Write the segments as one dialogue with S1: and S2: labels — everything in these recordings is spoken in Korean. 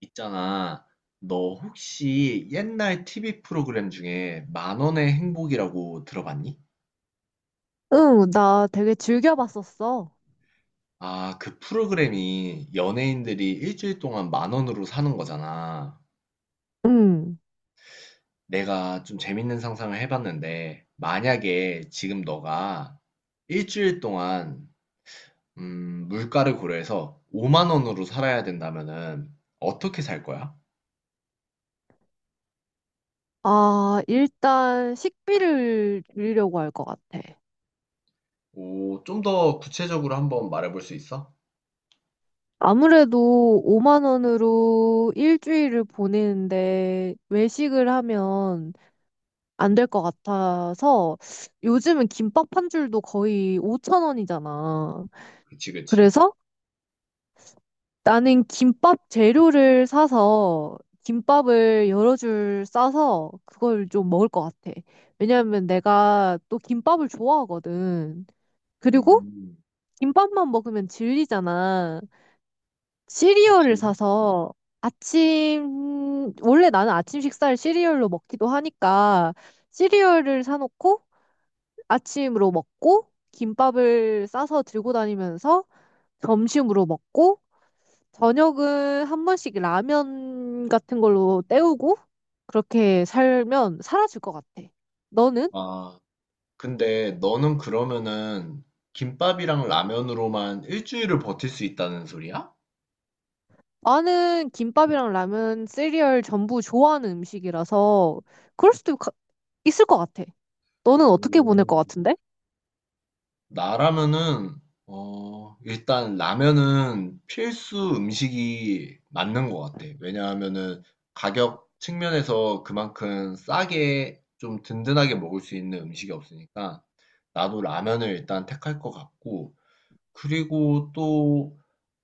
S1: 있잖아. 너 혹시 옛날 TV 프로그램 중에 만 원의 행복이라고 들어봤니?
S2: 응, 나 되게 즐겨 봤었어.
S1: 아, 그 프로그램이 연예인들이 일주일 동안 만 원으로 사는 거잖아.
S2: 응.
S1: 내가 좀 재밌는 상상을 해봤는데, 만약에 지금 너가 일주일 동안, 물가를 고려해서 5만 원으로 살아야 된다면은 어떻게 살 거야?
S2: 아, 일단 식비를 줄이려고 할 것 같아.
S1: 오, 좀 더 구체적으로 한번 말해볼 수 있어?
S2: 아무래도 5만 원으로 일주일을 보내는데 외식을 하면 안 될 것 같아서 요즘은 김밥 한 줄도 거의 5천 원이잖아.
S1: 그치, 그치.
S2: 그래서 나는 김밥 재료를 사서 김밥을 여러 줄 싸서 그걸 좀 먹을 것 같아. 왜냐하면 내가 또 김밥을 좋아하거든. 그리고
S1: 음,
S2: 김밥만 먹으면 질리잖아. 시리얼을
S1: 그치.
S2: 사서 아침, 원래 나는 아침 식사를 시리얼로 먹기도 하니까 시리얼을 사놓고 아침으로 먹고 김밥을 싸서 들고 다니면서 점심으로 먹고 저녁은 한 번씩 라면 같은 걸로 때우고 그렇게 살면 살아줄 것 같아. 너는?
S1: 아, 근데 너는 그러면은 김밥이랑 라면으로만 일주일을 버틸 수 있다는 소리야?
S2: 나는 김밥이랑 라면, 시리얼 전부 좋아하는 음식이라서 그럴 수도 있을 것 같아. 너는 어떻게 보낼
S1: 오.
S2: 것 같은데?
S1: 나라면은 일단 라면은 필수 음식이 맞는 것 같아. 왜냐하면은 가격 측면에서 그만큼 싸게 좀 든든하게 먹을 수 있는 음식이 없으니까 나도 라면을 일단 택할 것 같고 그리고 또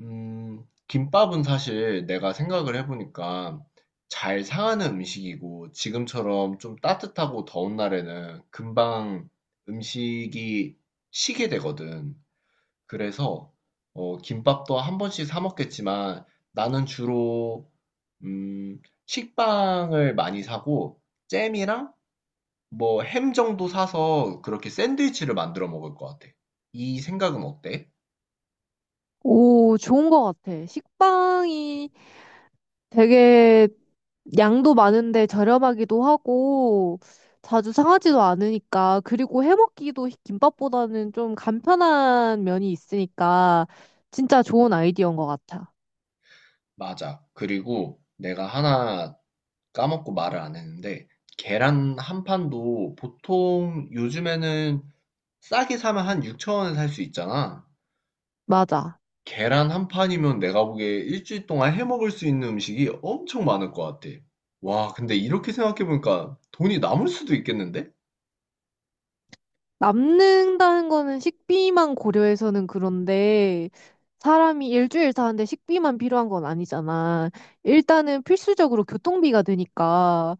S1: 김밥은 사실 내가 생각을 해보니까 잘 상하는 음식이고 지금처럼 좀 따뜻하고 더운 날에는 금방 음식이 식게 되거든. 그래서 김밥도 한 번씩 사 먹겠지만 나는 주로 음, 식빵을 많이 사고 잼이랑 뭐 햄 정도 사서 그렇게 샌드위치를 만들어 먹을 것 같아. 이 생각은 어때?
S2: 오, 좋은 것 같아. 식빵이 되게 양도 많은데 저렴하기도 하고 자주 상하지도 않으니까 그리고 해먹기도 김밥보다는 좀 간편한 면이 있으니까 진짜 좋은 아이디어인 것 같아.
S1: 맞아. 그리고 내가 하나 까먹고 말을 안 했는데, 계란 한 판도 보통 요즘에는 싸게 사면 한 6천 원에 살 수 있잖아.
S2: 맞아.
S1: 계란 한 판이면 내가 보기에 일주일 동안 해 먹을 수 있는 음식이 엄청 많을 것 같아. 와, 근데 이렇게 생각해보니까 돈이 남을 수도 있겠는데?
S2: 남는다는 거는 식비만 고려해서는 그런데 사람이 일주일 사는데 식비만 필요한 건 아니잖아. 일단은 필수적으로 교통비가 되니까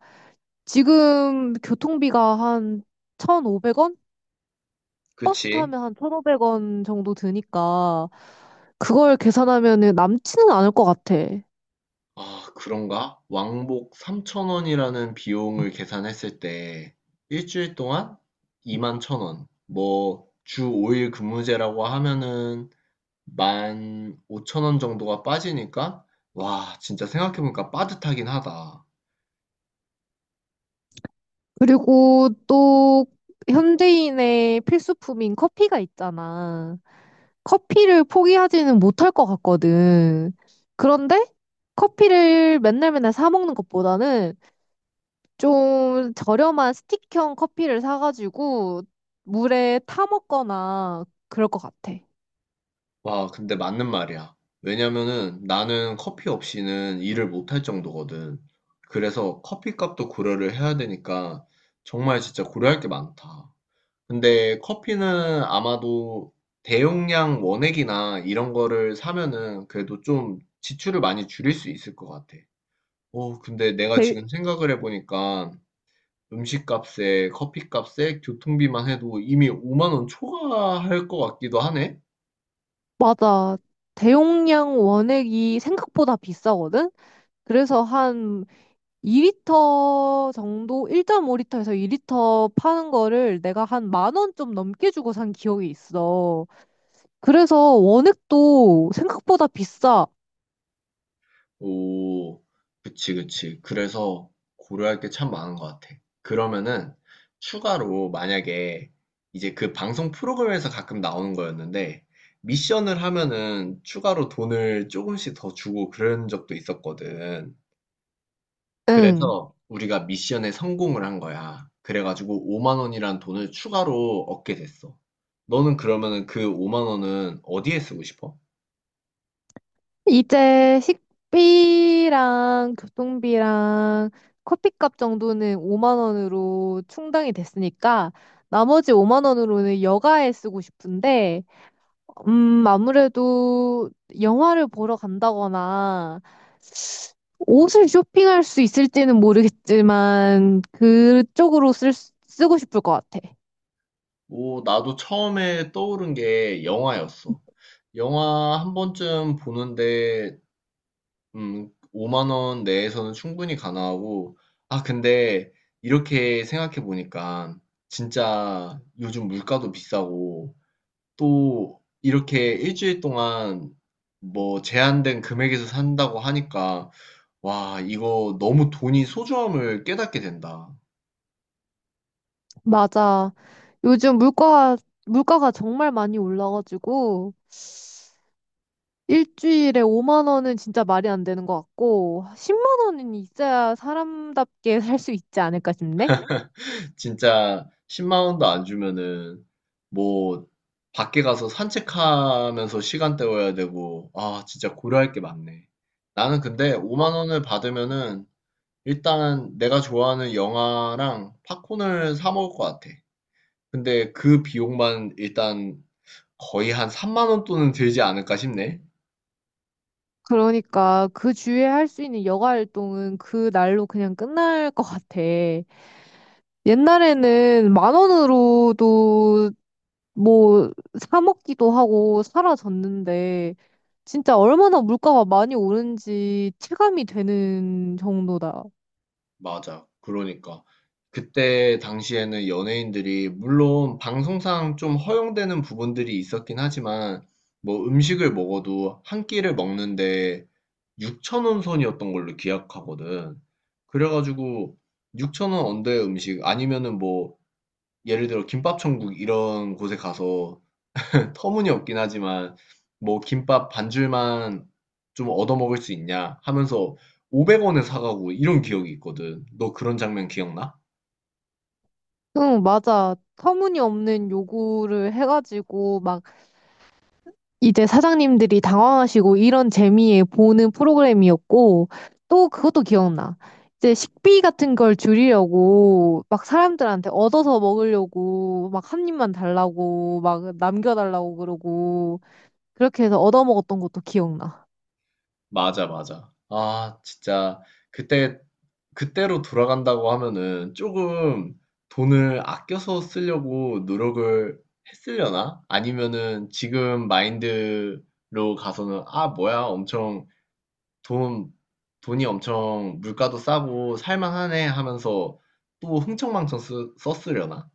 S2: 지금 교통비가 한 1,500원? 버스
S1: 그치?
S2: 타면 한 1,500원 정도 드니까 그걸 계산하면은 남지는 않을 것 같아.
S1: 아, 그런가? 왕복 3천 원이라는 비용을 계산했을 때 일주일 동안 2만 1,000원. 뭐 주 5일 근무제라고 하면은 15,000원 정도가 빠지니까 와, 진짜 생각해보니까 빠듯하긴 하다.
S2: 그리고 또 현대인의 필수품인 커피가 있잖아. 커피를 포기하지는 못할 것 같거든. 그런데 커피를 맨날 맨날 사 먹는 것보다는 좀 저렴한 스틱형 커피를 사가지고 물에 타 먹거나 그럴 것 같아.
S1: 와, 근데 맞는 말이야. 왜냐면은 나는 커피 없이는 일을 못할 정도거든. 그래서 커피값도 고려를 해야 되니까 정말 진짜 고려할 게 많다. 근데 커피는 아마도 대용량 원액이나 이런 거를 사면은 그래도 좀 지출을 많이 줄일 수 있을 것 같아. 근데 내가
S2: 제일
S1: 지금 생각을 해보니까 음식값에 커피값에 교통비만 해도 이미 5만 원 초과할 것 같기도 하네?
S2: 맞아. 대용량 원액이 생각보다 비싸거든? 그래서 한 2리터 정도, 1.5리터에서 2리터 파는 거를 내가 한 만 원 좀 넘게 주고 산 기억이 있어. 그래서 원액도 생각보다 비싸.
S1: 오, 그치, 그치. 그래서 고려할 게 참 많은 것 같아. 그러면은 추가로 만약에 이제 그 방송 프로그램에서 가끔 나오는 거였는데 미션을 하면은 추가로 돈을 조금씩 더 주고 그런 적도 있었거든.
S2: 응.
S1: 그래서 우리가 미션에 성공을 한 거야. 그래가지고 5만 원이란 돈을 추가로 얻게 됐어. 너는 그러면은 그 5만 원은 어디에 쓰고 싶어?
S2: 이제 식비랑 교통비랑 커피값 정도는 5만 원으로 충당이 됐으니까 나머지 5만 원으로는 여가에 쓰고 싶은데 아무래도 영화를 보러 간다거나 옷을 쇼핑할 수 있을지는 모르겠지만 그쪽으로 쓰고 싶을 것 같아.
S1: 뭐, 나도 처음에 떠오른 게 영화였어. 영화 한 번쯤 보는데, 5만 원 내에서는 충분히 가능하고, 아, 근데 이렇게 생각해 보니까, 진짜 요즘 물가도 비싸고, 또 이렇게 일주일 동안 뭐 제한된 금액에서 산다고 하니까, 와, 이거 너무 돈이 소중함을 깨닫게 된다.
S2: 맞아. 요즘 물가가 정말 많이 올라가지고 일주일에 5만 원은 진짜 말이 안 되는 것 같고 10만 원은 있어야 사람답게 살 수 있지 않을까 싶네.
S1: 진짜 10만 원도 안 주면은 뭐 밖에 가서 산책하면서 시간 때워야 되고 아 진짜 고려할 게 많네. 나는 근데 5만 원을 받으면은 일단 내가 좋아하는 영화랑 팝콘을 사 먹을 것 같아. 근데 그 비용만 일단 거의 한 3만 원 돈은 들지 않을까 싶네.
S2: 그러니까 그 주에 할 수 있는 여가 활동은 그 날로 그냥 끝날 것 같아. 옛날에는 만 원으로도 뭐 사 먹기도 하고 사라졌는데 진짜 얼마나 물가가 많이 오른지 체감이 되는 정도다.
S1: 맞아. 그러니까. 그때 당시에는 연예인들이, 물론 방송상 좀 허용되는 부분들이 있었긴 하지만, 뭐 음식을 먹어도 한 끼를 먹는데 6천 원 선이었던 걸로 기억하거든. 그래가지고 6천 원 언더의 음식, 아니면은 뭐, 예를 들어 김밥천국 이런 곳에 가서 터무니없긴 하지만 뭐 김밥 반줄만 좀 얻어먹을 수 있냐 하면서 500원에 사가고 이런 기억이 있거든. 너 그런 장면 기억나?
S2: 응, 맞아. 터무니없는 요구를 해가지고 막 이제 사장님들이 당황하시고 이런 재미에 보는 프로그램이었고 또 그것도 기억나. 이제 식비 같은 걸 줄이려고 막 사람들한테 얻어서 먹으려고 막 한 입만 달라고 막 남겨달라고 그러고 그렇게 해서 얻어먹었던 것도 기억나.
S1: 맞아, 맞아. 아, 진짜 그때 그때로 돌아간다고 하면은 조금 돈을 아껴서 쓰려고 노력을 했으려나? 아니면은 지금 마인드로 가서는 아, 뭐야, 엄청 돈 돈이 엄청 물가도 싸고 살만하네 하면서 또 흥청망청 썼으려나?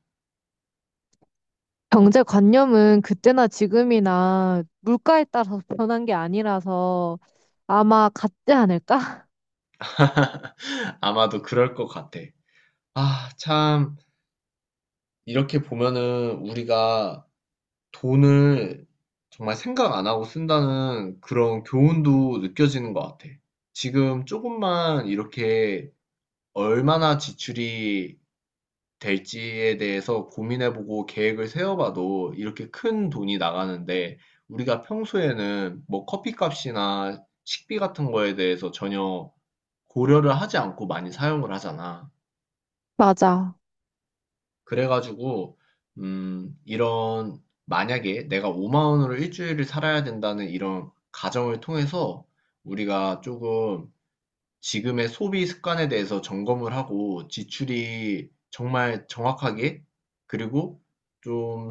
S2: 경제관념은 그때나 지금이나 물가에 따라서 변한 게 아니라서 아마 같지 않을까?
S1: 아마도 그럴 것 같아. 아, 참, 이렇게 보면은 우리가 돈을 정말 생각 안 하고 쓴다는 그런 교훈도 느껴지는 것 같아. 지금 조금만 이렇게 얼마나 지출이 될지에 대해서 고민해보고 계획을 세워봐도 이렇게 큰 돈이 나가는데 우리가 평소에는 뭐 커피값이나 식비 같은 거에 대해서 전혀 고려를 하지 않고 많이 사용을 하잖아.
S2: 맞아.
S1: 그래가지고 이런 만약에 내가 5만 원으로 일주일을 살아야 된다는 이런 가정을 통해서 우리가 조금 지금의 소비 습관에 대해서 점검을 하고 지출이 정말 정확하게 그리고 좀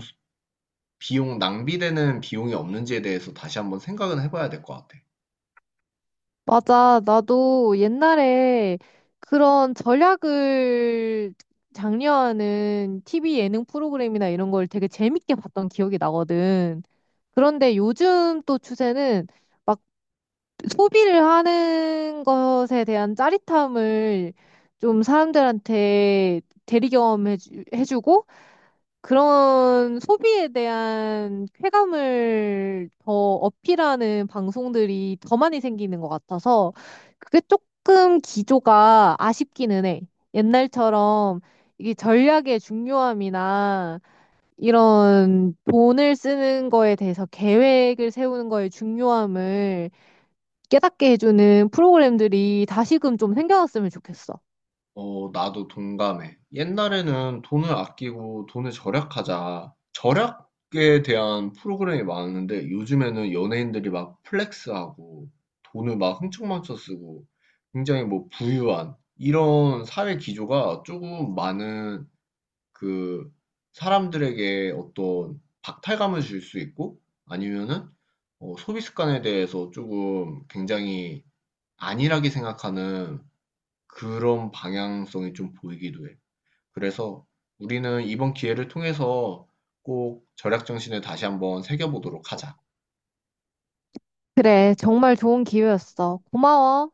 S1: 비용 낭비되는 비용이 없는지에 대해서 다시 한번 생각은 해봐야 될 것 같아.
S2: 맞아. 나도 옛날에 그런 전략을 장려하는 TV 예능 프로그램이나 이런 걸 되게 재밌게 봤던 기억이 나거든. 그런데 요즘 또 추세는 막 소비를 하는 것에 대한 짜릿함을 좀 사람들한테 대리 경험해 주고 그런 소비에 대한 쾌감을 더 어필하는 방송들이 더 많이 생기는 것 같아서 그게 조금 기조가 아쉽기는 해. 옛날처럼 이게 전략의 중요함이나 이런 돈을 쓰는 거에 대해서 계획을 세우는 거의 중요함을 깨닫게 해주는 프로그램들이 다시금 좀 생겨났으면 좋겠어.
S1: 나도 동감해. 옛날에는 돈을 아끼고 돈을 절약하자. 절약에 대한 프로그램이 많았는데 요즘에는 연예인들이 막 플렉스하고 돈을 막 흥청망청 쓰고 굉장히 뭐 부유한 이런 사회 기조가 조금 많은 그 사람들에게 어떤 박탈감을 줄 수 있고 아니면은 소비 습관에 대해서 조금 굉장히 안일하게 생각하는 그런 방향성이 좀 보이기도 해. 그래서 우리는 이번 기회를 통해서 꼭 절약 정신을 다시 한번 새겨보도록 하자.
S2: 그래, 정말 좋은 기회였어. 고마워.